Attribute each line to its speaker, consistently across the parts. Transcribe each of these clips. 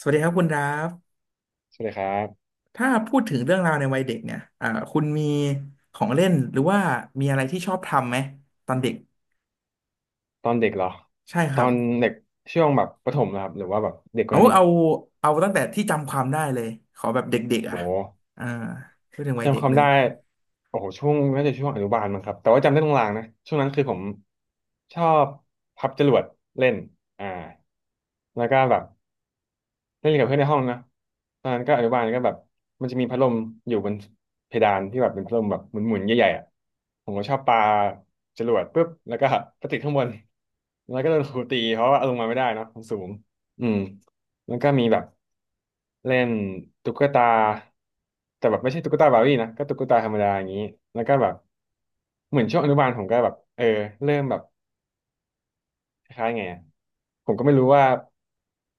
Speaker 1: สวัสดีครับคุณดราฟ
Speaker 2: สวัสดีครับ
Speaker 1: ถ้าพูดถึงเรื่องราวในวัยเด็กเนี่ยคุณมีของเล่นหรือว่ามีอะไรที่ชอบทำไหมตอนเด็ก
Speaker 2: ตอนเด็กเหรอ
Speaker 1: ใช่ค
Speaker 2: ตอ
Speaker 1: รับ
Speaker 2: นเด็กช่วงแบบประถมนะครับหรือว่าแบบเด็กกว่า
Speaker 1: เอา
Speaker 2: นั้นอีก
Speaker 1: เอาเอาตั้งแต่ที่จำความได้เลยขอแบบเด็กๆอ่ะ
Speaker 2: โอ้โห
Speaker 1: อ่าพูดถึงวัยเด็
Speaker 2: จำค
Speaker 1: ก
Speaker 2: วาม
Speaker 1: เลย
Speaker 2: ได้โอ้โหช่วงน่าจะช่วงอนุบาลมั้งครับแต่ว่าจำได้ตรงลางๆนะช่วงนั้นคือผมชอบพับจรวดเล่นอ่าแล้วก็แบบ เล่นกับเพื่อนในห้องนะตอนนั้นก็อนุบาลก็แบบมันจะมีพัดลมอยู่บนเพดานที่แบบเป็นพัดลมแบบหมุนๆใหญ่ๆอ่ะผมก็ชอบปาจรวดปุ๊บแล้วก็ไปติดข้างบนแล้วก็โดนครูตีเพราะว่าเอาลงมาไม่ได้เนอะมันสูงอืมแล้วก็มีแบบเล่นตุ๊กตาแต่แบบไม่ใช่ตุ๊กตาบาร์บี้นะก็ตุ๊กตาธรรมดาอย่างนี้แล้วก็แบบเหมือนช่วงอนุบาลผมก็แบบเออเริ่มแบบคล้ายๆไง ผมก็ไม่รู้ว่า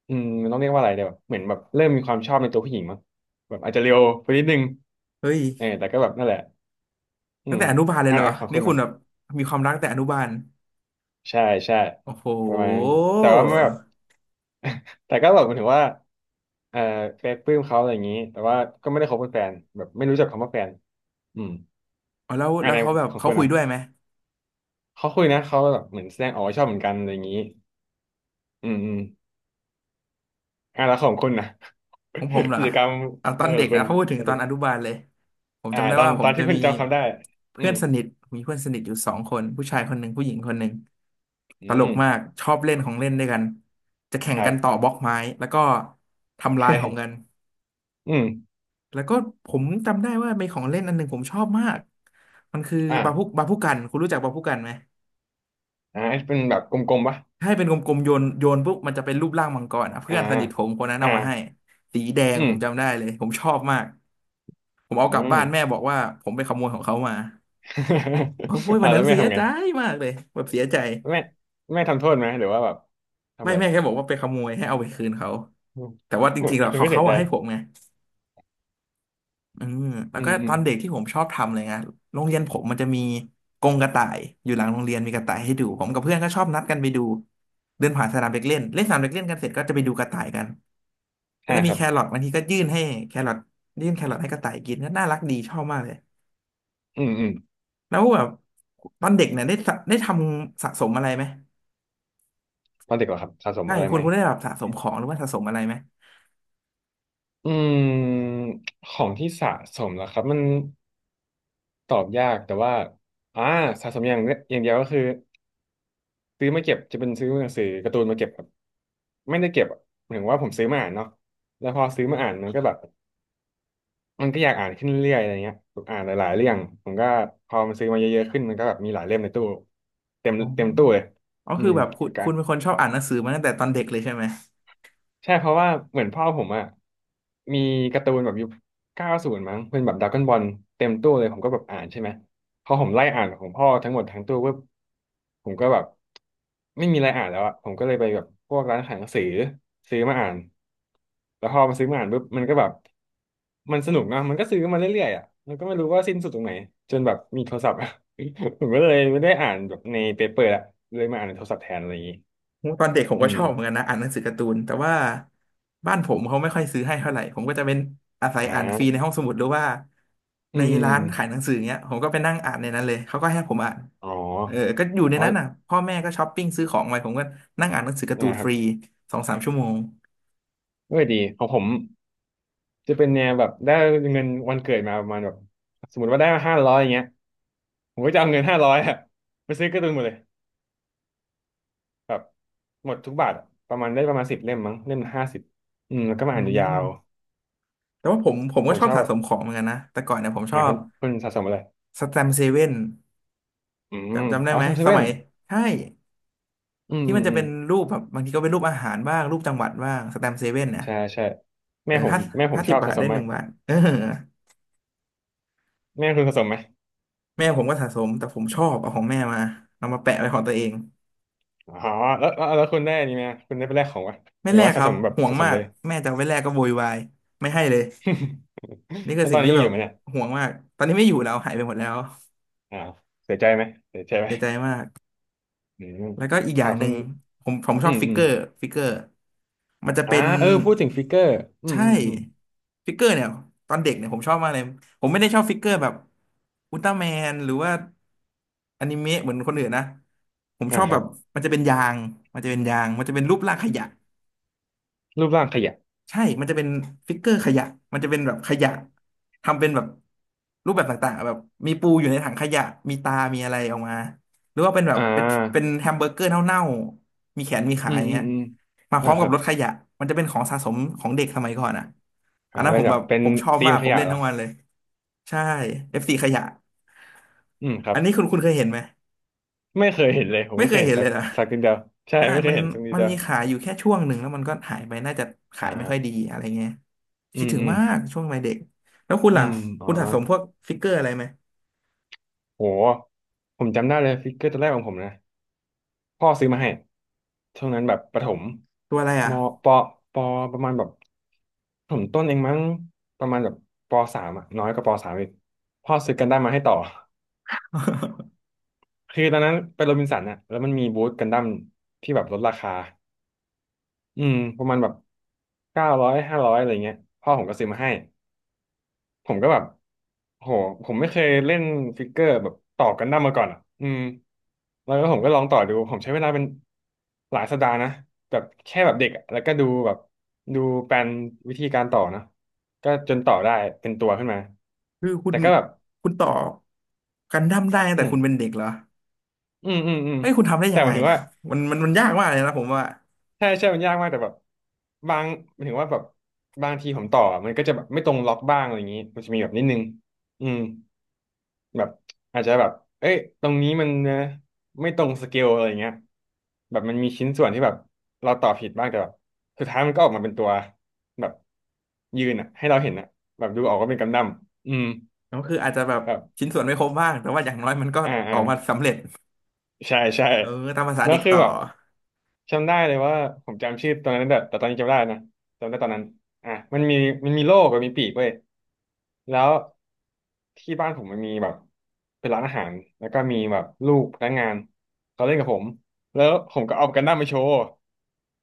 Speaker 2: มันต้องเรียกว่าอะไรเดี๋ยวเหมือนแบบเริ่มมีความชอบในตัวผู้หญิงมั้งแบบอาจจะเร็วไปนิดนึง
Speaker 1: เฮ้ย
Speaker 2: เออแต่ก็แบบนั่นแหละอื
Speaker 1: ตั้ง
Speaker 2: ม
Speaker 1: แต่อนุบาลเลย
Speaker 2: อัน
Speaker 1: เหร
Speaker 2: ไห
Speaker 1: อ
Speaker 2: ขอบคุ
Speaker 1: นี่
Speaker 2: ณ
Speaker 1: คุ
Speaker 2: นะ
Speaker 1: ณแบบมีความรักแต่อนุบาล
Speaker 2: ใช่ใช่
Speaker 1: โอ้โห
Speaker 2: ประมาณนั้นแต่ว่าไม่แบบ แต่ก็แบบหมายถึงว่าเออเคยปลื้มเขาอะไรอย่างนี้แต่ว่าก็ไม่ได้คบเป็นแฟนแบบไม่รู้จักคำว่าแฟนอืม
Speaker 1: อ๋อแล้ว
Speaker 2: อัน
Speaker 1: แล้ว
Speaker 2: ไห
Speaker 1: เขาแบบ
Speaker 2: ขอบ
Speaker 1: เขา
Speaker 2: คุณ
Speaker 1: คุย
Speaker 2: นะ
Speaker 1: ด้วยไหม
Speaker 2: เขาคุยนะเขาแบบเหมือนแสดงออกว่าชอบเหมือนกันอะไรอย่างนี้อืมอืมอ่ะแล้วของคุณนะ
Speaker 1: ของผมเหร อ
Speaker 2: กิจกรรม
Speaker 1: เอาต
Speaker 2: เอ
Speaker 1: อ
Speaker 2: อ
Speaker 1: น
Speaker 2: ข
Speaker 1: เด็
Speaker 2: อ
Speaker 1: ก
Speaker 2: งคุ
Speaker 1: นะ
Speaker 2: ณ
Speaker 1: พูดถึ
Speaker 2: ต
Speaker 1: ง
Speaker 2: อน
Speaker 1: ตอ
Speaker 2: เด็
Speaker 1: น
Speaker 2: ก
Speaker 1: อนุบาลเลยผม
Speaker 2: อ่า
Speaker 1: จำได้
Speaker 2: ตอน
Speaker 1: ว่าผ
Speaker 2: ตอ
Speaker 1: ม
Speaker 2: น
Speaker 1: จะ
Speaker 2: ที่คุ
Speaker 1: มี
Speaker 2: ณจำคำได้อื
Speaker 1: เพื่อ
Speaker 2: ม
Speaker 1: นสนิทมีเพื่อนสนิทอยู่สองคนผู้ชายคนหนึ่งผู้หญิงคนหนึ่ง
Speaker 2: อื
Speaker 1: ตล
Speaker 2: ม
Speaker 1: กมากชอบเล่นของเล่นด้วยกันจะแข่
Speaker 2: ค
Speaker 1: ง
Speaker 2: รั
Speaker 1: กั
Speaker 2: บ
Speaker 1: นต่อบล็อกไม้แล้วก็ทำลายของกัน
Speaker 2: อืม
Speaker 1: แล้วก็ผมจำได้ว่ามีของเล่นอันหนึ่งผมชอบมากมันคือ
Speaker 2: อ่า
Speaker 1: บาพุกันคุณรู้จักบาพุกันไหม
Speaker 2: อ่าเป็นแบบกลมๆปะ
Speaker 1: ให้เป็นกลมๆโยนปุ๊บมันจะเป็นรูปร่างมังกรอ่ะเพื่
Speaker 2: อ่า
Speaker 1: อนสนิทผมคนนั้น
Speaker 2: อ่า
Speaker 1: เอามาให้สีแดง
Speaker 2: อื
Speaker 1: ผ
Speaker 2: ม
Speaker 1: มจำได้เลยผมชอบมาก ผมเอา
Speaker 2: อื
Speaker 1: กลับ
Speaker 2: ม
Speaker 1: บ้านแม่บอกว่าผมไปขโมยของเขามาโอ้ย วั
Speaker 2: อ่า
Speaker 1: น
Speaker 2: แล้
Speaker 1: นั้น
Speaker 2: วแม่
Speaker 1: เสีย
Speaker 2: ทำไง
Speaker 1: ใจมากเลยแบบเสียใจ
Speaker 2: แม่แม่ทำโทษไหมหรือว่าแบบทำ
Speaker 1: ไม่
Speaker 2: อะไร
Speaker 1: แม่แค่บอกว่าไปขโมยให้เอาไปคืนเขา
Speaker 2: อืม
Speaker 1: แต่ว่าจ ริงๆแล้ว
Speaker 2: คุณ
Speaker 1: เขา
Speaker 2: ก็เสี
Speaker 1: เขา
Speaker 2: ยใจ
Speaker 1: อะให้ผมไงอืมแล้ว
Speaker 2: อื
Speaker 1: ก็
Speaker 2: มอื
Speaker 1: ต
Speaker 2: ม
Speaker 1: อนเด็กที่ผมชอบทำเลยนะโรงเรียนผมมันจะมีกรงกระต่ายอยู่หลังโรงเรียนมีกระต่ายให้ดูผมกับเพื่อนก็ชอบนัดกันไปดูเดินผ่านสนามเด็กเล่นเล่นสนามเด็กเล่นกันเสร็จก็จะไปดูกระต่ายกันก็
Speaker 2: อ่า
Speaker 1: จะ
Speaker 2: ค
Speaker 1: มี
Speaker 2: รั
Speaker 1: แค
Speaker 2: บ
Speaker 1: รอทบางทีก็ยื่นให้แครอทยื่นแครอทให้กระต่ายกินก็น่ารักดีชอบมากเลย
Speaker 2: อืมอืม
Speaker 1: แล้วแบบตอนเด็กเนี่ยได้สะได้ทำสะสมอะไรไหม
Speaker 2: ตอนเด็กเหรอครับสะสม
Speaker 1: ใช่
Speaker 2: อะไร
Speaker 1: คุ
Speaker 2: ไห
Speaker 1: ณ
Speaker 2: ม
Speaker 1: คุณได้แบบสะสมของหรือว่าสะสมอะไรไหม
Speaker 2: อืมของที่สะสมเหรอครับมันตอบยากแต่ว่าอ่าสะสมอย่างเดียวก็คือ ซื้อมาเก็บจะเป็นซื้อหนังสือการ์ตูนมาเก็บครับไม่ได้เก็บอะหมายถึงว่าผมซื้อมาอ่านเนาะแล้วพอซื้อมาอ่านมันก็แบบมันก็อยากอ่านขึ้นเรื่อยๆอะไรเงี้ยแอ่านหลายๆเรื่องผมก็พอมันซื้อมาเยอะๆขึ้นมันก็แบบมีหลายเล่มในตู้เต็ม
Speaker 1: อ๋
Speaker 2: เต็มตู้เล
Speaker 1: อ
Speaker 2: ย
Speaker 1: อ๋อ
Speaker 2: อื
Speaker 1: คือ
Speaker 2: ม
Speaker 1: แบบคุณเป็นคนชอบอ่านหนังสือมาตั้งแต่ตอนเด็กเลยใช่ไหม
Speaker 2: ใช่เพราะว่าเหมือนพ่อผมอะมีการ์ตูนแบบยุค90มั้งเป็นแบบดราก้อนบอลเต็มตู้เลยผมก็แบบอ่านใช่ไหมพอผมไล่อ่านของพ่อทั้งหมดทั้งตู้ปุ๊บผมก็แบบไม่มีอะไรอ่านแล้วอะผมก็เลยไปแบบพวกร้านขายหนังสือซื้อมาอ่านแล้วพอมาซื้อมาอ่านปุ๊บมันก็แบบมันสนุกเนอะมันก็ซื้อมาเรื่อยๆอะมันก็ไม่รู้ว่าสิ้นสุดตรงไหนจนแบบมีโทรศัพท์อะ ผมก็เลยไม่ได้อ่านแบบในเปเปอร์ละเลยมาอ่านในโทรศัพท์แทนอะไรอย่างงี้
Speaker 1: โอ้ตอนเด็กผม
Speaker 2: อื
Speaker 1: ก็ชอบเหมือนกั
Speaker 2: ม
Speaker 1: นนะอ่านหนังสือการ์ตูนแต่ว่าบ้านผมเขาไม่ค่อยซื้อให้เท่าไหร่ผมก็จะเป็นอาศัยอ่านฟรี
Speaker 2: อ่า
Speaker 1: ในห้องสมุดหรือว่า
Speaker 2: อื
Speaker 1: ใน
Speaker 2: มอืมอื
Speaker 1: ร้าน
Speaker 2: ม
Speaker 1: ขายหนังสือเงี้ยผมก็ไปนั่งอ่านในนั้นเลยเขาก็ให้ผมอ่าน
Speaker 2: อ๋อ
Speaker 1: เออก็อยู่ใน
Speaker 2: อ๋อ
Speaker 1: นั้นน่ะพ่อแม่ก็ช้อปปิ้งซื้อของไปผมก็นั่งอ่านหนังสือการ์ตู
Speaker 2: เนี่ย
Speaker 1: น
Speaker 2: ค
Speaker 1: ฟ
Speaker 2: รับ
Speaker 1: รีสองสามชั่วโมง
Speaker 2: เออดีของผมจะเป็นแนวแบบได้เงินวันเกิดมาประมาณแบบสมมติว่าได้ห้าร้อยอย่างเงี้ยผมก็จะเอาเงินห้าร้อยอะไปซื้อการ์ตูนหมดเลยแบบหมดทุกบาทอะประมาณได้ประมาณสิบเล่มมั้งเล่ม50อืมแล้วก็มา
Speaker 1: อื
Speaker 2: อ่านยาว
Speaker 1: มแต่ว่าผม
Speaker 2: ๆผ
Speaker 1: ก็
Speaker 2: ม
Speaker 1: ชอ
Speaker 2: ช
Speaker 1: บ
Speaker 2: อบ
Speaker 1: สะ
Speaker 2: แบ
Speaker 1: ส
Speaker 2: บ
Speaker 1: มของเหมือนกันนะแต่ก่อนเนี่ยผมช
Speaker 2: อ่า
Speaker 1: อ
Speaker 2: คุ
Speaker 1: บ
Speaker 2: ณคุณสะสมอะไร
Speaker 1: สแตมป์เซเว่น
Speaker 2: อืม
Speaker 1: จำได้
Speaker 2: อ๋อ
Speaker 1: ไหม
Speaker 2: ซัมเซ
Speaker 1: ส
Speaker 2: เว่
Speaker 1: มั
Speaker 2: น
Speaker 1: ยใช่
Speaker 2: อืม
Speaker 1: ที่
Speaker 2: อื
Speaker 1: มัน
Speaker 2: ม
Speaker 1: จะ
Speaker 2: อื
Speaker 1: เป็
Speaker 2: ม
Speaker 1: นรูปแบบบางทีก็เป็นรูปอาหารบ้างรูปจังหวัดบ้างสแตมป์เซเว่นนะ
Speaker 2: ใช่ใช่
Speaker 1: เอ
Speaker 2: แม่
Speaker 1: อ
Speaker 2: ผม
Speaker 1: ห้า
Speaker 2: แม่ผ
Speaker 1: ห้า
Speaker 2: มช
Speaker 1: สิ
Speaker 2: อ
Speaker 1: บ
Speaker 2: บ
Speaker 1: บา
Speaker 2: สะ
Speaker 1: ท
Speaker 2: ส
Speaker 1: ได้
Speaker 2: ม
Speaker 1: ห
Speaker 2: มา
Speaker 1: นึ่ง
Speaker 2: ก
Speaker 1: บาทเออ
Speaker 2: แม่คุณสะสมไหม
Speaker 1: แม่ผมก็สะสมแต่ผมชอบเอาของแม่มาเอามาแปะไว้ของตัวเอง
Speaker 2: อ๋อแล้วคุณได้อันนี่ไหมคุณได้ไปแลกของวะ
Speaker 1: ไม่
Speaker 2: หรือ
Speaker 1: แล
Speaker 2: ว่า
Speaker 1: กค
Speaker 2: สะ
Speaker 1: รั
Speaker 2: ส
Speaker 1: บ
Speaker 2: มแบบ
Speaker 1: ห่วง
Speaker 2: สะสม
Speaker 1: มาก
Speaker 2: เลย
Speaker 1: แม่จะเอาไว้แลกก็โวยวายไม่ให้เลย นี่คื
Speaker 2: แล้
Speaker 1: อ
Speaker 2: วต
Speaker 1: สิ่
Speaker 2: อ
Speaker 1: ง
Speaker 2: นนี้
Speaker 1: ที่
Speaker 2: ยั
Speaker 1: แบ
Speaker 2: งอ
Speaker 1: บ
Speaker 2: ยู่ไหมเนี่ย
Speaker 1: ห่วงมากตอนนี้ไม่อยู่แล้วหายไปหมดแล้ว
Speaker 2: อ่าวเสียใจไหมเสียใจไหม
Speaker 1: เสียใจมาก
Speaker 2: อืม
Speaker 1: แล้วก็อีกอย่า
Speaker 2: อ่า
Speaker 1: งห
Speaker 2: คุ
Speaker 1: นึ่
Speaker 2: ณ
Speaker 1: งผมช
Speaker 2: อื
Speaker 1: อบ
Speaker 2: ม
Speaker 1: ฟิก
Speaker 2: อื
Speaker 1: เก
Speaker 2: ม
Speaker 1: อร์ฟิกเกอร์มันจะ
Speaker 2: อ่า
Speaker 1: เป็น
Speaker 2: เออพูดถึงฟิกเกอร์อื
Speaker 1: ใช
Speaker 2: มอืมอืม
Speaker 1: ่ฟิกเกอร์เนี่ยตอนเด็กเนี่ยผมชอบมากเลยผมไม่ได้ชอบฟิกเกอร์แบบอุลตร้าแมนหรือว่าอนิเมะเหมือนคนอื่นนะผมช
Speaker 2: อ่า
Speaker 1: อบ
Speaker 2: ค
Speaker 1: แบ
Speaker 2: รับ
Speaker 1: บมันจะเป็นยางมันจะเป็นยางมันจะเป็นรูปร่างขยะ
Speaker 2: รูปร่างขยะ
Speaker 1: ใช่ มันจะเป็นฟิกเกอร์ขยะ มันจะเป็นแบบขยะ ทำเป็นแบบรูปแบบต่างๆแบบมีปูอยู่ในถังขยะ มีตา มีอะไรออกมาหรือว่าเป็นแบบ
Speaker 2: อ่า
Speaker 1: เป็นเป็นแฮมเบอร์เกอร์เน่าๆมีแขนมีขา
Speaker 2: อืม
Speaker 1: อย่าง
Speaker 2: อื
Speaker 1: เงี้
Speaker 2: ม
Speaker 1: ย
Speaker 2: อืม
Speaker 1: มาพ
Speaker 2: อ่า
Speaker 1: ร้อม
Speaker 2: ค
Speaker 1: กั
Speaker 2: รั
Speaker 1: บ
Speaker 2: บ
Speaker 1: รถขยะมันจะเป็นของสะสมของเด็กสมัยก่อนอ่ะอั
Speaker 2: อ่า
Speaker 1: นนั้นผ
Speaker 2: เป็น
Speaker 1: ม
Speaker 2: แบ
Speaker 1: แบ
Speaker 2: บ
Speaker 1: บ
Speaker 2: เป็น
Speaker 1: ผมชอบ
Speaker 2: ธี
Speaker 1: มา
Speaker 2: ม
Speaker 1: ก
Speaker 2: ข
Speaker 1: ผม
Speaker 2: ยะ
Speaker 1: เล่น
Speaker 2: เหร
Speaker 1: ทั้
Speaker 2: อ
Speaker 1: งวันเลยใช่ f ีขยะ
Speaker 2: อืมครั
Speaker 1: อั
Speaker 2: บ
Speaker 1: นนี้คุณเคยเห็นไหม
Speaker 2: ไม่เคยเห็นเลย ผม
Speaker 1: ไม่
Speaker 2: ไม่
Speaker 1: เค
Speaker 2: เค
Speaker 1: ย
Speaker 2: ยเห็
Speaker 1: เห็
Speaker 2: น
Speaker 1: นเล
Speaker 2: สัก
Speaker 1: ยนะ
Speaker 2: สักนิดเดียวใช่
Speaker 1: ใช่
Speaker 2: ไม่เค
Speaker 1: มั
Speaker 2: ย
Speaker 1: น
Speaker 2: เห็นสักนิด
Speaker 1: มัน
Speaker 2: เดียว
Speaker 1: มีขายอยู่แค่ช่วงหนึ่งแล้วมันก็หายไปน่าจะขายไม่ค่อยดี
Speaker 2: อ่า
Speaker 1: อะไรเงี้ย
Speaker 2: อื
Speaker 1: คิด
Speaker 2: ม
Speaker 1: ถึง
Speaker 2: อืม
Speaker 1: มากช่วงวัยเด็กแล้วคุณ
Speaker 2: อื
Speaker 1: ล่ะ
Speaker 2: มอ๋อ
Speaker 1: คุณสะสมพวกฟิกเกอร์อะไรไหม
Speaker 2: โหผมจำได้เลยฟิกเกอร์ตัวแรกของผมนะ พ่อซื้อมาให้ช่วงนั้นแบบประถม
Speaker 1: ตัวอะไรอ่ะ
Speaker 2: มปปประมาณแบบประถมต้นเองมั้งประมาณแบบปสามอะน้อยกว่าปสามอีกพ่อซื้อกันดั้มมาให้ต่อ คือตอนนั้นไปโรบินสันอะแล้วมันมีบูธกันดั้มที่แบบลดราคาอืมประมาณแบบ900ห้าร้อยอะไรเงี้ยพ่อผมก็ซื้อมาให้ ผมก็แบบโหผมไม่เคยเล่นฟิกเกอร์แบบต่อกันดั้มมาก่อนอ่ะอืมแล้วก็ผมก็ลองต่อดู ผมใช้เวลาเป็นหลายสัปดาห์นะแบบแค่แบบเด็กอะแล้วก็ดูแบบดูแปลนวิธีการต่อนะก็จนต่อได้เป็นตัวขึ้นมา
Speaker 1: คือคุณ
Speaker 2: แต่ก็แบบ
Speaker 1: คุณต่อกันดั้มได้ตั้ง
Speaker 2: อื
Speaker 1: แต่
Speaker 2: ม
Speaker 1: คุณเป็นเด็กเหรอ
Speaker 2: อืมอืมอืม
Speaker 1: เฮ้ยคุณทำได้
Speaker 2: แต่
Speaker 1: ยัง
Speaker 2: ห
Speaker 1: ไง
Speaker 2: มายถึง
Speaker 1: เนี่ย
Speaker 2: ว่า
Speaker 1: มันยากมากเลยนะผมว่า
Speaker 2: ใช่ใช่มันยากมากแต่แบบบางหมายถึงว่าแบบบางทีผมต่อมันก็จะแบบไม่ตรงล็อกบ้างอะไรอย่างนี้มันจะมีแบบนิดนึงอืม แบบอาจจะแบบเอ้ยตรงนี้มันไม่ตรงสเกลอะไรเงี้ยแบบมันมีชิ้นส่วนที่แบบเราต่อผิดบ้างแต่แบบสุดท้ายมันก็ออกมาเป็นตัวแบบยืนอ่ะให้เราเห็นอ่ะแบบดูออกว่าเป็นกำดั้มอืม
Speaker 1: ก็คืออาจจะแบบ
Speaker 2: แบบ
Speaker 1: ชิ้นส่วนไม่ครบบ้างแต่ว่าอย่างน้อยมันก็
Speaker 2: อ่า
Speaker 1: อ
Speaker 2: อ่า
Speaker 1: อกมาสำเร็จ
Speaker 2: ใช่ใช่
Speaker 1: เออตามภาษา
Speaker 2: แล้ว
Speaker 1: เด็ก
Speaker 2: คือ
Speaker 1: ต่อ
Speaker 2: แบบจำได้เลยว่าผมจำชื่อตอนนั้นแต่ตอนนี้จำไม่ได้นะจำได้ตอนนั้นอ่ะมันมีโลกกับมีปีกเว้ยแล้วที่บ้านผมมันมีแบบเป็นร้านอาหารแล้วก็มีแบบลูกพนักงานเขาเล่นกับผมแล้วผมก็เอากันดั้มมาโชว์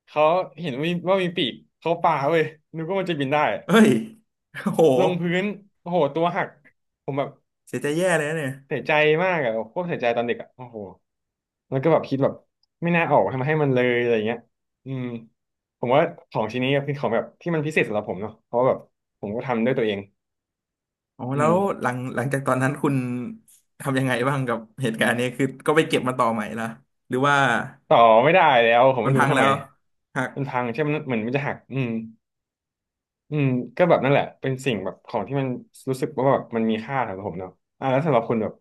Speaker 2: เขาเห็นว่ามีปีกเขาปาเว้ยนึกว่ามันจะบินได้
Speaker 1: เอ้ยโอ้โห
Speaker 2: ลงพื้นโอ้โหตัวหักผมแบบ
Speaker 1: เสียใจแย่เลยนะเนี่ย
Speaker 2: เสียใจมากอะโคตรเสียใจตอนเด็กอะโอ้โห แล้วก็แบบคิดแบบไม่น่าออกทำให้มันเลยอะไรเงี้ยอืมผมว่าของชิ้นนี้เป็นของแบบที่มันพิเศษสำหรับผมเนาะเพราะว่าแบบผมก็ทำด้วยตัวเอง
Speaker 1: อ๋อ
Speaker 2: อื
Speaker 1: แล้
Speaker 2: ม
Speaker 1: วหลังจากตอนนั้นคุณทำยังไงบ้างกับเหตุการณ์นี้คือก็ไปเก็บมาต่อใหม่ละหรือว่า
Speaker 2: ต่อไม่ได้แล้วผม
Speaker 1: มัน
Speaker 2: ไม่
Speaker 1: พั
Speaker 2: รู้
Speaker 1: ง
Speaker 2: ทำ
Speaker 1: แล้
Speaker 2: ไม
Speaker 1: วหัก
Speaker 2: มันพังใช่ไหมมันเหมือนมันจะหักอืมก็แบบนั่นแหละเป็นสิ่งแบบของที่มันรู้สึกว่าแบบมันมีค่าสำหรับผมเนาะอ่าแล้วสำหรับคุณแบบ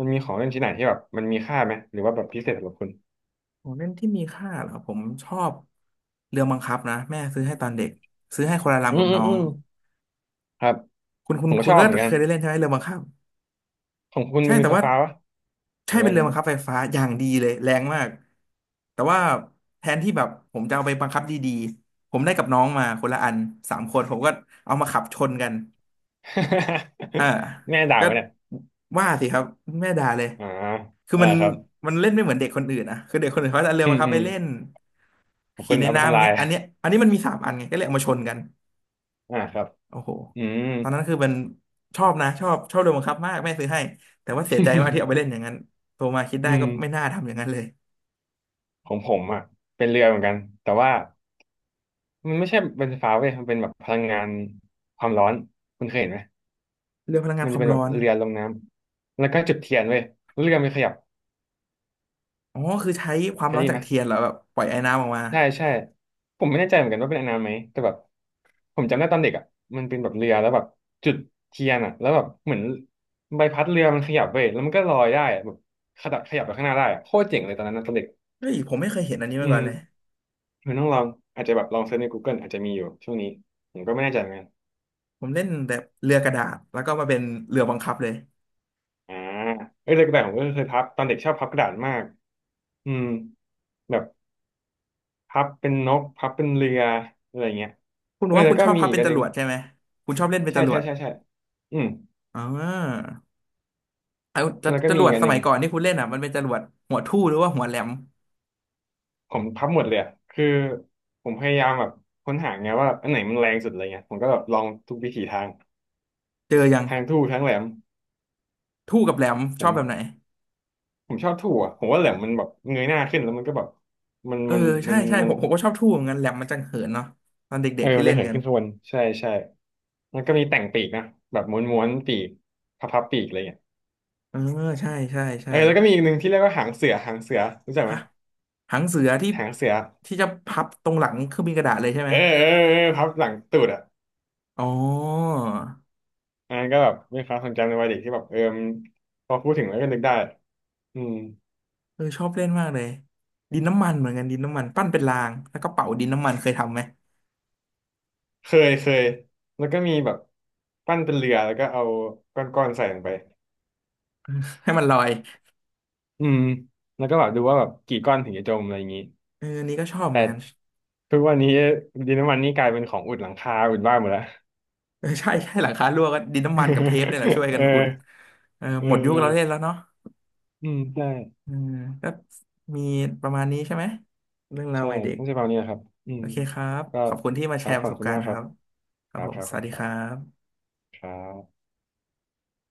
Speaker 2: มันมีของเล่นชิ้นไหนที่แบบมันมีค่าไหมหรือว่าแบบพิเศษสำหรับคุณ
Speaker 1: ของเล่นที่มีค่าเหรอผมชอบเรือบังคับนะแม่ซื้อให้ตอนเด็กซื้อให้คนละ
Speaker 2: อื
Speaker 1: ลำกับ
Speaker 2: มอืม
Speaker 1: น้อ
Speaker 2: อื
Speaker 1: ง
Speaker 2: มครับ
Speaker 1: คุณคุ
Speaker 2: ผ
Speaker 1: ณ
Speaker 2: มก็
Speaker 1: คุ
Speaker 2: ช
Speaker 1: ณ
Speaker 2: อบ
Speaker 1: ก็
Speaker 2: เหมือนกั
Speaker 1: เค
Speaker 2: น
Speaker 1: ยได้เล่นใช่ไหมเรือบังคับ
Speaker 2: ของคุณ
Speaker 1: ใช่
Speaker 2: มันเป็
Speaker 1: แต่
Speaker 2: นไฟ
Speaker 1: ว่า
Speaker 2: ฟ้าปะห
Speaker 1: ใช่
Speaker 2: รือ
Speaker 1: เป็น
Speaker 2: ว่า
Speaker 1: เรือบังคับไฟฟ้าอย่างดีเลยแรงมากแต่ว่าแทนที่แบบผมจะเอาไปบังคับดีๆผมได้กับน้องมาคนละอันสามคนผมก็เอามาขับชนกัน อ่า
Speaker 2: แม่ด่า
Speaker 1: ก็
Speaker 2: ไหมเนี่ย
Speaker 1: ว่าสิครับแม่ด่าเลย
Speaker 2: อ่า
Speaker 1: คือ
Speaker 2: อ่า
Speaker 1: มัน
Speaker 2: ครับ
Speaker 1: มันเล่นไม่เหมือนเด็กคนอื่นนะคือเด็กคนอื่นเขาจะเอาเรือ
Speaker 2: อื
Speaker 1: มา
Speaker 2: ม
Speaker 1: ครับ
Speaker 2: อื
Speaker 1: ไป
Speaker 2: ม
Speaker 1: เล่น
Speaker 2: ของ
Speaker 1: ขี่
Speaker 2: คุณ
Speaker 1: ใน
Speaker 2: เอาไป
Speaker 1: น้ำอ
Speaker 2: ทำ
Speaker 1: ย่าง
Speaker 2: ลาย
Speaker 1: เงี้ยอันเนี้ยอันนี้มันมีสามอันไงก็เลยเอามาชนกัน
Speaker 2: อ่าครับ
Speaker 1: โอ้โห
Speaker 2: อืม
Speaker 1: ตอนนั้นคือมันชอบนะชอบเรือบังคับมากแม่ซื้อให้แต่ว่าเสียใจมากที่เอาไปเล่ นอย่างนั้นโตมาคิดได้
Speaker 2: อืม
Speaker 1: ก็ไม่น่าทำอย่างนั้นเลย
Speaker 2: ของผมอ่ะเป็นเรือเหมือนกันแต่ว่ามันไม่ใช่เป็นไฟฟ้าเว้ยมันเป็นแบบพลังงานความร้อนคุณเคยเห็นไหม
Speaker 1: เรือพลังงาน
Speaker 2: มัน
Speaker 1: ค
Speaker 2: จะ
Speaker 1: วาม
Speaker 2: เป็นแบ
Speaker 1: ร้อ
Speaker 2: บ
Speaker 1: น
Speaker 2: เรือลงน้ำ แล้วก็จุดเทียนเว้ยแล้วเรือมันขยับ
Speaker 1: อ๋อคือใช้ความ
Speaker 2: เคย
Speaker 1: ร้อน
Speaker 2: ได้ยิ
Speaker 1: จา
Speaker 2: น
Speaker 1: ก
Speaker 2: ไหม
Speaker 1: เทียนเหรอแบบปล่อยไอ้น้ำออกมา
Speaker 2: ใช่ใช่ผมไม่แน่ใจเหมือนกันว่าเป็นอันนั้นไหมแต่แบบผมจำได้ตอนเด็กอ่ะมันเป็นแบบเรือแล้วแบบจุดเทียนอ่ะแล้วแบบเหมือนใบพัดเรือมันขยับเว้ยแล้วมันก็ลอยได้อะแบบขยับไปข้างหน้าได้อะโคตรเจ๋งเลยตอนนั้นนะตอนเด็ก
Speaker 1: เฮ้ยผมไม่เคยเห็นอันนี้
Speaker 2: อื
Speaker 1: มาก่อ
Speaker 2: ม
Speaker 1: นเลย
Speaker 2: มันต้องลองอาจจะแบบลองเซิร์ชใน Google อาจจะมีอยู่ช่วงนี้ผมก็ไม่แน่ใจเหมือนกัน
Speaker 1: ผมเล่นแต่เรือกระดาษแล้วก็มาเป็นเรือบังคับเลย
Speaker 2: อ่าเอ้ยแต่กระดาษผมก็เคยพับตอนเด็กชอบพับกระดาษมากอืมแบบพับเป็นนกพับเป็นเรืออะไรเงี้ย
Speaker 1: คุณบ
Speaker 2: เอ
Speaker 1: อก
Speaker 2: อ
Speaker 1: ว่า
Speaker 2: แล้
Speaker 1: คุ
Speaker 2: ว
Speaker 1: ณ
Speaker 2: ก็
Speaker 1: ชอบ
Speaker 2: มี
Speaker 1: พับ
Speaker 2: อีก
Speaker 1: เป็น
Speaker 2: อัน
Speaker 1: จ
Speaker 2: ห
Speaker 1: ร
Speaker 2: นึ่ง
Speaker 1: วดใช่ไหมคุณชอบเล่นเป็น
Speaker 2: ใช่
Speaker 1: จร
Speaker 2: ใช่
Speaker 1: วด
Speaker 2: ใช่ใช่อืม
Speaker 1: อ่าเอาจะ
Speaker 2: แล้วก็
Speaker 1: จ
Speaker 2: มี
Speaker 1: รว
Speaker 2: อี
Speaker 1: ด
Speaker 2: กอัน
Speaker 1: ส
Speaker 2: ห
Speaker 1: มั
Speaker 2: นึ่ง
Speaker 1: ยก่อนที่คุณเล่นอ่ะมันเป็นจรวดหัวทู่หรือว่าหัวแหลม
Speaker 2: ผมพับหมดเลยอะคือผมพยายามแบบค้นหาไงว่าอันไหนมันแรงสุดอะไรเงี้ยผมก็แบบลองทุกวิถีทาง
Speaker 1: เจอยัง
Speaker 2: ทางทู่ทั้งแหลม
Speaker 1: ทู่กับแหลมช
Speaker 2: ผ
Speaker 1: อบ
Speaker 2: ม
Speaker 1: แบบไหน
Speaker 2: ผมชอบทู่อะผมว่าแหลมมันแบบเงยหน้าขึ้นแล้วมันก็แบบมัน
Speaker 1: เออ
Speaker 2: มันมั
Speaker 1: ใช่
Speaker 2: น
Speaker 1: ใช่
Speaker 2: มั
Speaker 1: ผ
Speaker 2: น
Speaker 1: มผมก็ชอบทู่เหมือนกันแหลมมันจังเหินเนาะตอนเด็
Speaker 2: เออ
Speaker 1: กๆที่
Speaker 2: มัน
Speaker 1: เล่
Speaker 2: จะ
Speaker 1: น
Speaker 2: เหิน
Speaker 1: กัน
Speaker 2: ขึ้นข้างบนใช่ใช่แล้วก็มีแต่งปีกนะแบบม้วนปีกพับปีกอะไรเงี้ย
Speaker 1: เออใช่ใช่
Speaker 2: เอ
Speaker 1: ใช่
Speaker 2: อแล้วก็มีอีกหนึ่งที่เรียกว่าหางเสือหางเสือรู้จักไหม
Speaker 1: ฮะหางเสือที่
Speaker 2: หางเสือ
Speaker 1: ที่จะพับตรงหลังเครื่องบินกระดาษเลยใช่ไหม
Speaker 2: เออเออเออพับหลังตูดอ่ะ
Speaker 1: อ๋อ
Speaker 2: อันนั้นก็แบบเป็นความทรงจำในวัยเด็กที่แบบเออมันพอพูดถึงแล้วก็นึกได้อืม
Speaker 1: เออชอบเล่นมากเลยดินน้ำมันเหมือนกันดินน้ำมันปั้นเป็นรางแล้วก็เป่าดินน้ำมันเคยทำไหม
Speaker 2: เคยเคยแล้วก็มีแบบปั้นเป็นเรือแล้วก็เอาก้อนๆใส่ลงไป
Speaker 1: ให้มันลอย
Speaker 2: อืม แล้วก็แบบดูว่าแบบกี่ก้อนถึงจะจมอะไรอย่างนี้
Speaker 1: เอออันนี้ก็ชอบเห
Speaker 2: แต่
Speaker 1: มือนกัน
Speaker 2: ทุกวันนี้ดินน้ำมันนี่กลายเป็นของอุดหลังคาอุดบ้านหมดแล้ว
Speaker 1: เออใช่ใช่หลังคารั่วก็ดินน้ำมันกับเทปเนี่ยแหละช่วย กั
Speaker 2: เอ
Speaker 1: นอุด
Speaker 2: อ
Speaker 1: เออ
Speaker 2: เออ
Speaker 1: หมดยุ
Speaker 2: เอ
Speaker 1: คเราเล่นแล้
Speaker 2: อ
Speaker 1: วเนาะ
Speaker 2: อืมใช่
Speaker 1: เอมก็มีประมาณนี้ใช่ไหมเรื่องราว
Speaker 2: ใช่
Speaker 1: วัยเด็ก
Speaker 2: ต้องใช้ประมาณนี้นะครับอื
Speaker 1: โอ
Speaker 2: ม
Speaker 1: เคครับ
Speaker 2: ก็
Speaker 1: ขอบคุณที่มา
Speaker 2: ค
Speaker 1: แช
Speaker 2: รับ
Speaker 1: ร์
Speaker 2: ข
Speaker 1: ป
Speaker 2: อ
Speaker 1: ระ
Speaker 2: บ
Speaker 1: สบ
Speaker 2: คุณ
Speaker 1: การ
Speaker 2: มาก
Speaker 1: ณ์
Speaker 2: ค
Speaker 1: ค
Speaker 2: รั
Speaker 1: รั
Speaker 2: บ
Speaker 1: บค
Speaker 2: ค
Speaker 1: รับ
Speaker 2: รั
Speaker 1: ผ
Speaker 2: บ
Speaker 1: ม
Speaker 2: ครับ
Speaker 1: ส
Speaker 2: ขอบ
Speaker 1: วัส
Speaker 2: คุณ
Speaker 1: ดี
Speaker 2: ค
Speaker 1: ค
Speaker 2: รั
Speaker 1: รั
Speaker 2: บ
Speaker 1: บ
Speaker 2: ครับ